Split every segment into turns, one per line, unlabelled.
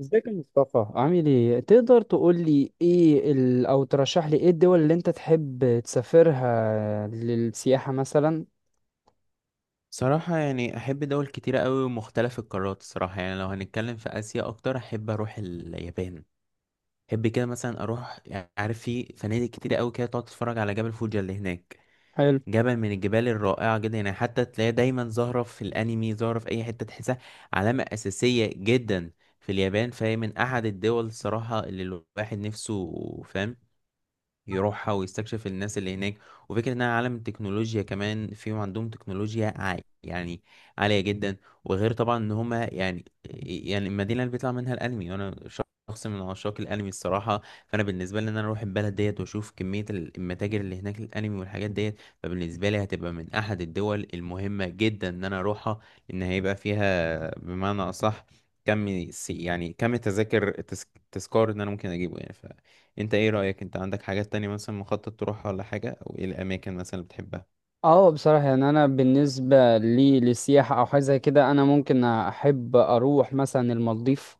ازيك يا مصطفى؟ عامل ايه؟ تقدر تقول لي ايه او ترشح لي ايه الدول اللي انت تحب تسافرها للسياحة مثلا؟
صراحة يعني أحب دول كتيرة أوي ومختلف القارات الصراحة. يعني لو هنتكلم في آسيا أكتر، أحب أروح اليابان. أحب كده مثلا أروح، يعني عارف، في فنادق كتيرة أوي كده تقعد تتفرج على جبل فوجي اللي هناك.
حلو.
جبل من الجبال الرائعة جدا، يعني حتى تلاقيها دايما ظاهرة في الأنمي، ظاهرة في أي حتة تحسها علامة أساسية جدا في اليابان. فهي من أحد الدول الصراحة اللي الواحد نفسه، فاهم، يروحها ويستكشف الناس اللي هناك. وفكرة انها عالم تكنولوجيا كمان، فيهم عندهم تكنولوجيا عالية، يعني عالية جدا. وغير طبعا ان هما يعني، يعني المدينة اللي بيطلع منها الانمي، وانا شخص من عشاق الانمي الصراحة. فانا بالنسبة لي ان انا اروح البلد ديت واشوف كمية المتاجر اللي هناك الانمي والحاجات ديت، فبالنسبة لي هتبقى من احد الدول المهمة جدا ان انا اروحها. لان هيبقى فيها، بمعنى اصح، يعني كم التذاكر التذكار ان انا ممكن اجيبه، يعني انت ايه رأيك؟ انت عندك حاجات تانية مثلا مخطط تروحها ولا حاجة، او ايه الاماكن مثلا اللي بتحبها؟
اه، بصراحة يعني انا بالنسبة لي للسياحة او حاجة زي كده، انا ممكن احب اروح مثلا المالديف.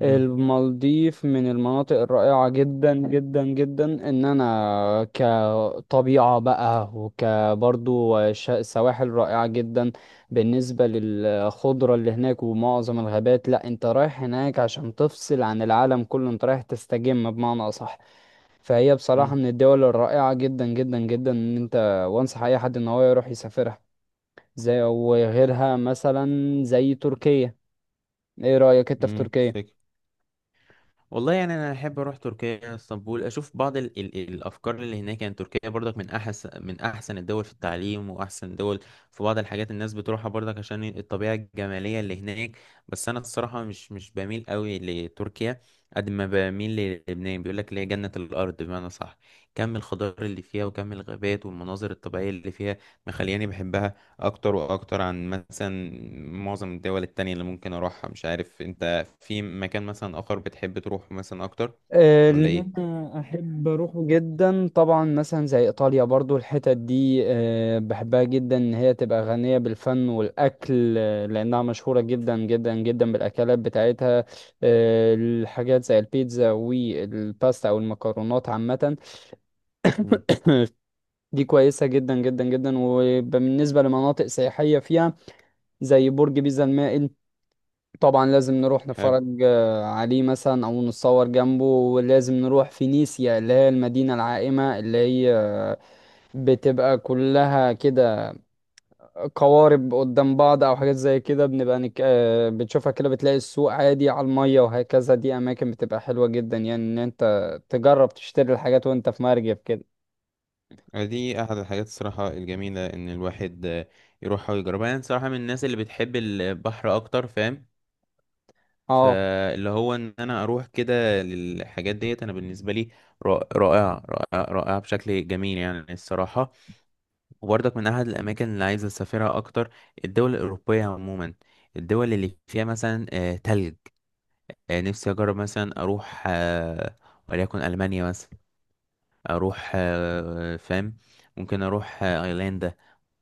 امم.
المالديف من المناطق الرائعة جدا جدا جدا، ان انا كطبيعة بقى، وكبرضو سواحل رائعة جدا بالنسبة للخضرة اللي هناك ومعظم الغابات. لا، انت رايح هناك عشان تفصل عن العالم كله، انت رايح تستجم بمعنى اصح. فهي بصراحة
امم.
من الدول الرائعة جدا جدا جدا، ان انت وانصح اي حد ان هو يروح يسافرها، زي وغيرها مثلا، زي تركيا. ايه رأيك انت في
امم.
تركيا؟
والله يعني انا احب اروح تركيا، اسطنبول، اشوف بعض ال ال الافكار اللي هناك. يعني تركيا برضك من احسن الدول في التعليم، واحسن دول في بعض الحاجات الناس بتروحها برضك عشان الطبيعه الجماليه اللي هناك. بس انا الصراحه مش بميل قوي لتركيا، قد ما بميل للبنان، بيقول لك اللي هي جنه الارض، بمعنى صح، كم الخضار اللي فيها وكم الغابات والمناظر الطبيعيه اللي فيها مخلياني بحبها اكتر واكتر عن مثلا معظم الدول التانية اللي ممكن اروحها. مش عارف انت في مكان مثلا آخر بتحب تروحه مثلا أكتر ولا
اللي
إيه؟
انا احب اروحه جدا طبعا مثلا زي ايطاليا. برضو الحتت دي بحبها جدا، ان هي تبقى غنية بالفن والاكل. لانها مشهورة جدا جدا جدا بالاكلات بتاعتها. الحاجات زي البيتزا والباستا او المكرونات عامة.
مم.
دي كويسة جدا جدا جدا. وبالنسبة لمناطق سياحية فيها، زي برج بيزا المائل، طبعا لازم نروح
حلو.
نتفرج عليه مثلا او نتصور جنبه. ولازم نروح فينيسيا اللي هي المدينة العائمة، اللي هي بتبقى كلها كده قوارب قدام بعض او حاجات زي كده. بنبقى نك... آه، بتشوفها كده، بتلاقي السوق عادي على المية، وهكذا. دي اماكن بتبقى حلوة جدا، يعني ان انت تجرب تشتري الحاجات وانت في مركب كده.
دي أحد الحاجات الصراحة الجميلة إن الواحد يروح ويجربها. أنا صراحة من الناس اللي بتحب البحر أكتر، فاهم،
اه،
فاللي هو إن أنا أروح كده للحاجات ديت. أنا بالنسبة لي رائعة رائعة رائعة رائعة بشكل جميل يعني الصراحة. وبرضك من أحد الأماكن اللي عايز أسافرها أكتر الدول الأوروبية عموما، الدول اللي فيها مثلا تلج. نفسي أجرب مثلا أروح، وليكن ألمانيا مثلا، اروح، فاهم، ممكن اروح ايرلندا.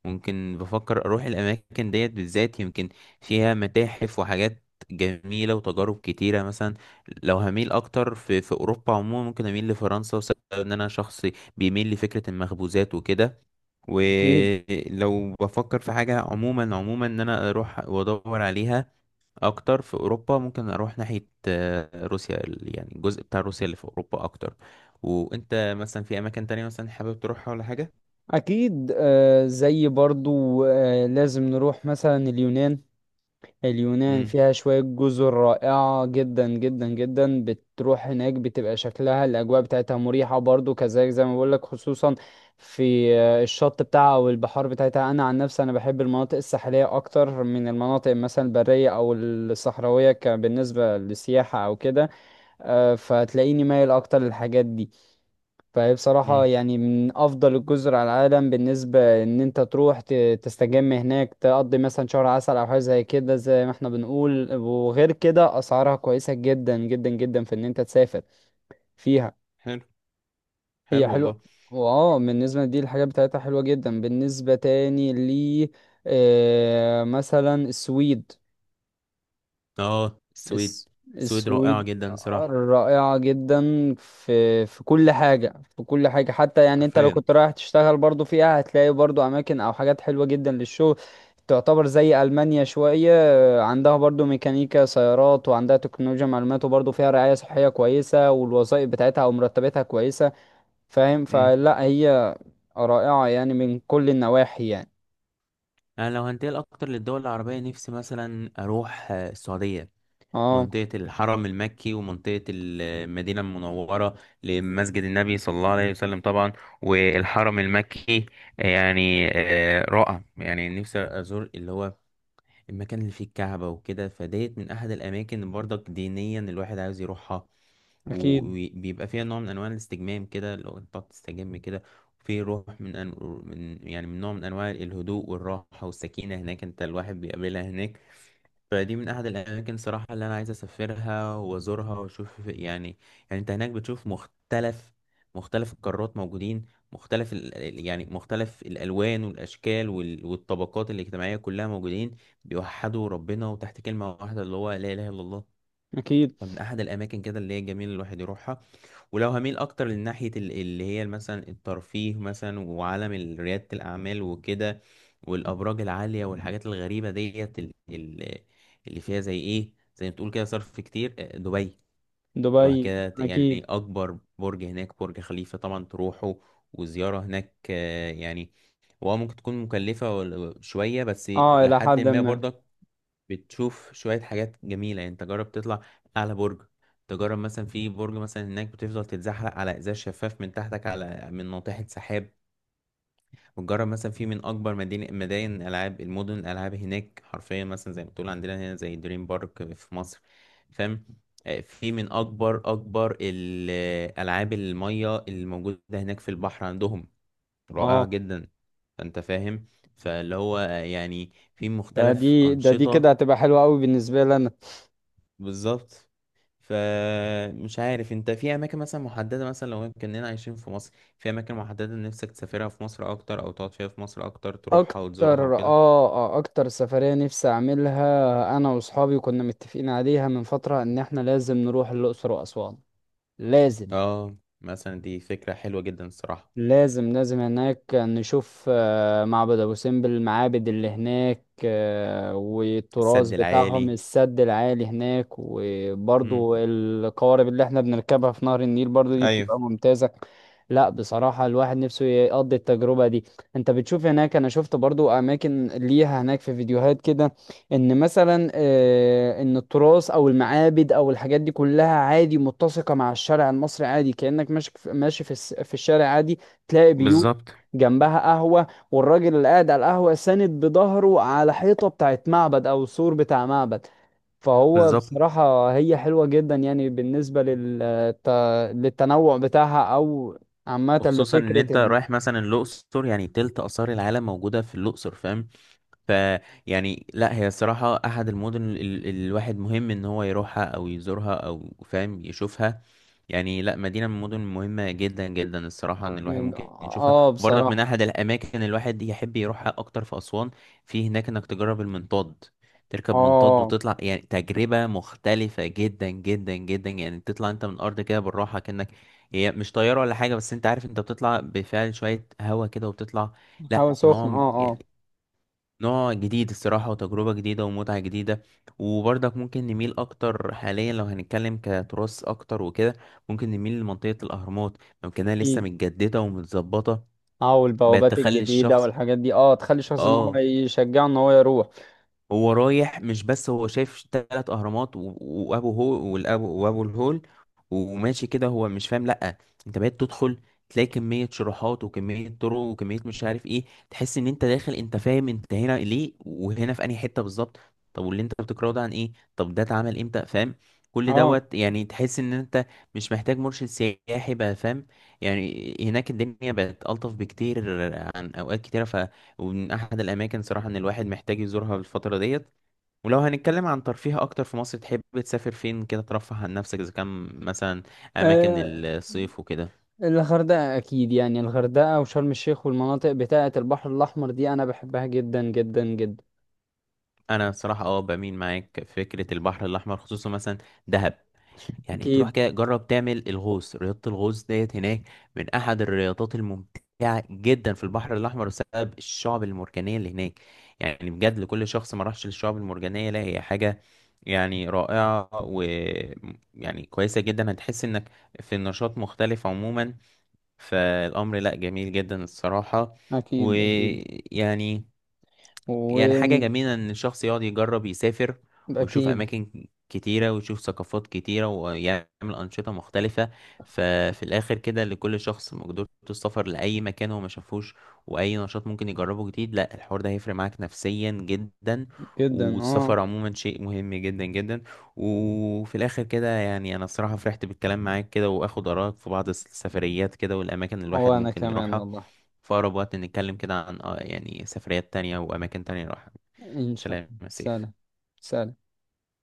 ممكن بفكر اروح الاماكن ديت بالذات يمكن فيها متاحف وحاجات جميلة وتجارب كتيرة. مثلا لو هميل أكتر في أوروبا عموما، ممكن أميل لفرنسا، وسبب إن أنا شخص بيميل لفكرة المخبوزات وكده.
اكيد
ولو بفكر في حاجة عموما عموما إن أنا أروح وأدور عليها اكتر في اوروبا، ممكن اروح ناحيه روسيا، يعني الجزء بتاع روسيا اللي في اوروبا اكتر. وانت مثلا في اماكن تانية مثلا حابب تروحها ولا حاجه؟
اكيد. زي برضو لازم نروح مثلا اليونان. اليونان
امم.
فيها شوية جزر رائعة جدا جدا جدا، بتروح هناك بتبقى شكلها الأجواء بتاعتها مريحة، برضو كذلك زي ما بقولك، خصوصا في الشط بتاعها أو البحار بتاعتها. أنا عن نفسي أنا بحب المناطق الساحلية أكتر من المناطق مثلا البرية أو الصحراوية، بالنسبة للسياحة أو كده. فتلاقيني مايل أكتر للحاجات دي. فهي بصراحة
امم.
يعني من أفضل الجزر على العالم بالنسبة إن أنت تروح تستجم هناك، تقضي مثلا شهر عسل أو حاجة زي كده، زي ما احنا بنقول. وغير كده أسعارها كويسة جدا جدا جدا في إن أنت تسافر فيها.
حلو.
هي
حلو
حلوة.
والله.
واه، بالنسبة دي الحاجات بتاعتها حلوة جدا. بالنسبة تاني لي، آه مثلا السويد.
اه، السويد.
الس...
السويد رائعه
السويد
جدا صراحه،
رائعة جدا في كل حاجة، في كل حاجة. حتى يعني انت لو
حرفيا.
كنت رايح تشتغل برضو فيها، هتلاقي برضو اماكن او حاجات حلوة جدا للشغل. تعتبر زي ألمانيا شوية، عندها برضو ميكانيكا سيارات، وعندها تكنولوجيا معلومات، وبرضو فيها رعاية صحية كويسة، والوظائف بتاعتها او مرتباتها كويسة. فاهم؟
امم.
فلا، هي رائعة يعني من كل النواحي يعني.
انا لو هنتقل اكتر للدول العربيه، نفسي مثلا اروح السعوديه،
اه.
منطقة الحرم المكي ومنطقة المدينة المنورة، لمسجد النبي صلى الله عليه وسلم طبعا، والحرم المكي. يعني رائع، يعني نفسي أزور اللي هو المكان اللي فيه الكعبة وكده. فديت من أحد الأماكن اللي برضك دينيا الواحد عاوز يروحها،
اكيد.
وبيبقى فيها نوع من أنواع الاستجمام كده، لو أنت بتقعد تستجم كده. في روح من, أن... من يعني من نوع من أنواع الهدوء والراحة والسكينة هناك، أنت الواحد بيقابلها هناك. فدي من احد الاماكن صراحه اللي انا عايز اسافرها وازورها واشوف، يعني يعني انت هناك بتشوف مختلف القارات موجودين، يعني مختلف الالوان والاشكال والطبقات الاجتماعيه كلها موجودين، بيوحدوا ربنا وتحت كلمه واحده اللي هو لا اله الا الله.
اكيد
فمن احد الاماكن كده اللي هي جميل الواحد يروحها. ولو هميل اكتر لناحيه اللي هي مثلا الترفيه مثلا وعالم رياده الاعمال وكده، والابراج العاليه والحاجات الغريبه ديت، اللي فيها زي ايه، زي ما تقول كده صرف كتير، دبي. تروح
دبي.
كده
اكيد.
يعني اكبر برج هناك، برج خليفه طبعا تروحه. وزياره هناك يعني هو ممكن تكون مكلفه شويه، بس
اه،
الى
الى
حد
حد
ما
ما.
برضك بتشوف شوية حاجات جميلة. يعني انت جرب تطلع أعلى برج، تجرب مثلا في برج مثلا هناك بتفضل تتزحلق على إزاز شفاف من تحتك على من ناطحة سحاب. وتجرب مثلا في من أكبر مدينة مدائن الألعاب المدن الألعاب هناك، حرفيا مثلا زي ما بتقول عندنا هنا زي دريم بارك في مصر، فاهم. في من أكبر الألعاب المية الموجودة هناك في البحر عندهم، رائعة
اه،
جدا. فأنت فاهم، فاللي هو يعني في مختلف
دي دي كده
أنشطة.
هتبقى حلوة قوي بالنسبة لي انا.
بالظبط. فمش عارف انت في اماكن مثلا محدده، مثلا لو كاننا عايشين في مصر، في اماكن محدده نفسك تسافرها في مصر اكتر، او تقعد فيها في مصر اكتر تروحها وتزورها
اكتر،
وكده؟
اه، اكتر سفرية نفسي اعملها انا واصحابي، كنا متفقين عليها من فترة ان احنا لازم نروح الاقصر واسوان. لازم،
اه مثلا، دي فكره حلوه جدا الصراحه.
لازم، لازم. هناك نشوف معبد ابو سمبل، المعابد اللي هناك، والتراث
السد
بتاعهم،
العالي.
السد العالي هناك،
امم.
وبرضو القوارب اللي احنا بنركبها في نهر النيل برضو، دي
ايوه.
بتبقى ممتازة. لا، بصراحة الواحد نفسه يقضي التجربة دي. انت بتشوف هناك، انا شفت برضو اماكن ليها هناك في فيديوهات كده، ان مثلا ان التراث او المعابد او الحاجات دي كلها عادي متسقة مع الشارع المصري عادي. كأنك ماشي في في الشارع عادي، تلاقي بيوت
بالظبط.
جنبها قهوة، والراجل اللي قاعد على القهوة ساند بظهره على حيطة بتاعت معبد أو سور بتاع معبد. فهو
بالظبط،
بصراحة هي حلوة جدا، يعني بالنسبة للتنوع بتاعها، أو عامة
وخصوصا ان
لفكرة
انت رايح مثلا الاقصر، يعني تلت اثار العالم موجوده في الاقصر، فاهم. فيعني لا هي الصراحة أحد المدن الواحد مهم إن هو يروحها أو يزورها أو فاهم يشوفها. يعني لا، مدينة من المدن مهمة جدا جدا الصراحة إن الواحد ممكن يشوفها.
آه
وبرضك من
بصراحة.
أحد الأماكن الواحد يحب يروحها أكتر في أسوان، في هناك إنك تجرب المنطاد، تركب منطاد
آه،
وتطلع، يعني تجربة مختلفة جدا جدا جدا. يعني تطلع انت من الأرض كده بالراحة، كأنك هي مش طيارة ولا حاجة، بس انت عارف انت بتطلع بفعل شوية هوا كده وبتطلع.
حاول
لا
سخن.
نوم
آه، آه.
نوع جديد الصراحة، وتجربة جديدة ومتعة جديدة. وبرضك ممكن نميل أكتر حاليا، لو هنتكلم كتراث أكتر وكده، ممكن نميل لمنطقة الأهرامات. ممكنها لسه
أكيد.
متجددة ومتظبطة،
آه،
بقت
والبوابات
تخلي
الجديدة
الشخص.
والحاجات دي، آه، تخلي الشخص إن هو
اه،
يشجعه إن هو يروح.
هو رايح مش بس هو شايف 3 اهرامات وابو هو والابو وابو الهول وماشي كده هو مش فاهم. لا، انت بقيت تدخل، تلاقي كمية شروحات وكمية طرق وكمية مش عارف ايه. تحس ان انت داخل، انت فاهم انت هنا ليه، وهنا في انهي حتة بالظبط. طب واللي انت بتقراه ده عن ايه، طب ده اتعمل امتى، فاهم. كل دوت يعني تحس ان انت مش محتاج مرشد سياحي بقى، فاهم. يعني هناك الدنيا بقت ألطف بكتير عن اوقات كتيرة. ومن احد الاماكن صراحة ان الواحد محتاج يزورها الفترة ديت. ولو هنتكلم عن ترفيه اكتر في مصر، تحب تسافر فين كده ترفه عن نفسك، اذا كان مثلا اماكن
آه،
الصيف وكده؟
الغردقة أكيد. يعني الغردقة وشرم الشيخ والمناطق بتاعة البحر الأحمر دي، أنا بحبها جدا جدا جدا.
انا صراحة اه بميل معاك في فكرة البحر الاحمر، خصوصا مثلا دهب. يعني تروح
أكيد
كده جرب تعمل الغوص، رياضة الغوص ديت هناك من أحد الرياضات الممتعة جدا في البحر الأحمر، بسبب الشعب المرجانية اللي هناك. يعني بجد لكل شخص ما راحش للشعب المرجانية، لا هي حاجة يعني رائعة و يعني كويسة جدا. هتحس إنك في النشاط مختلف عموما، فالأمر لا جميل جدا الصراحة.
أكيد. أكيد
ويعني يعني حاجة
وأكيد
جميلة إن الشخص يقعد يجرب يسافر، ويشوف أماكن كتيرة ويشوف ثقافات كتيرة ويعمل أنشطة مختلفة. ففي الآخر كده، لكل شخص مقدرة السفر لأي مكان هو ما شافوش، وأي نشاط ممكن يجربه جديد، لا الحوار ده هيفرق معاك نفسيا جدا.
جدا. أه.
والسفر عموما شيء مهم جدا جدا. وفي الآخر كده يعني أنا الصراحة فرحت بالكلام معاك كده، وآخد آرائك في بعض السفريات كده والأماكن اللي الواحد
وأنا
ممكن
كمان
يروحها.
والله.
في أقرب وقت نتكلم كده عن يعني سفريات تانية وأماكن تانية نروحها.
إن شاء
سلام
الله،
يا
سلام.
سيف.
سلام.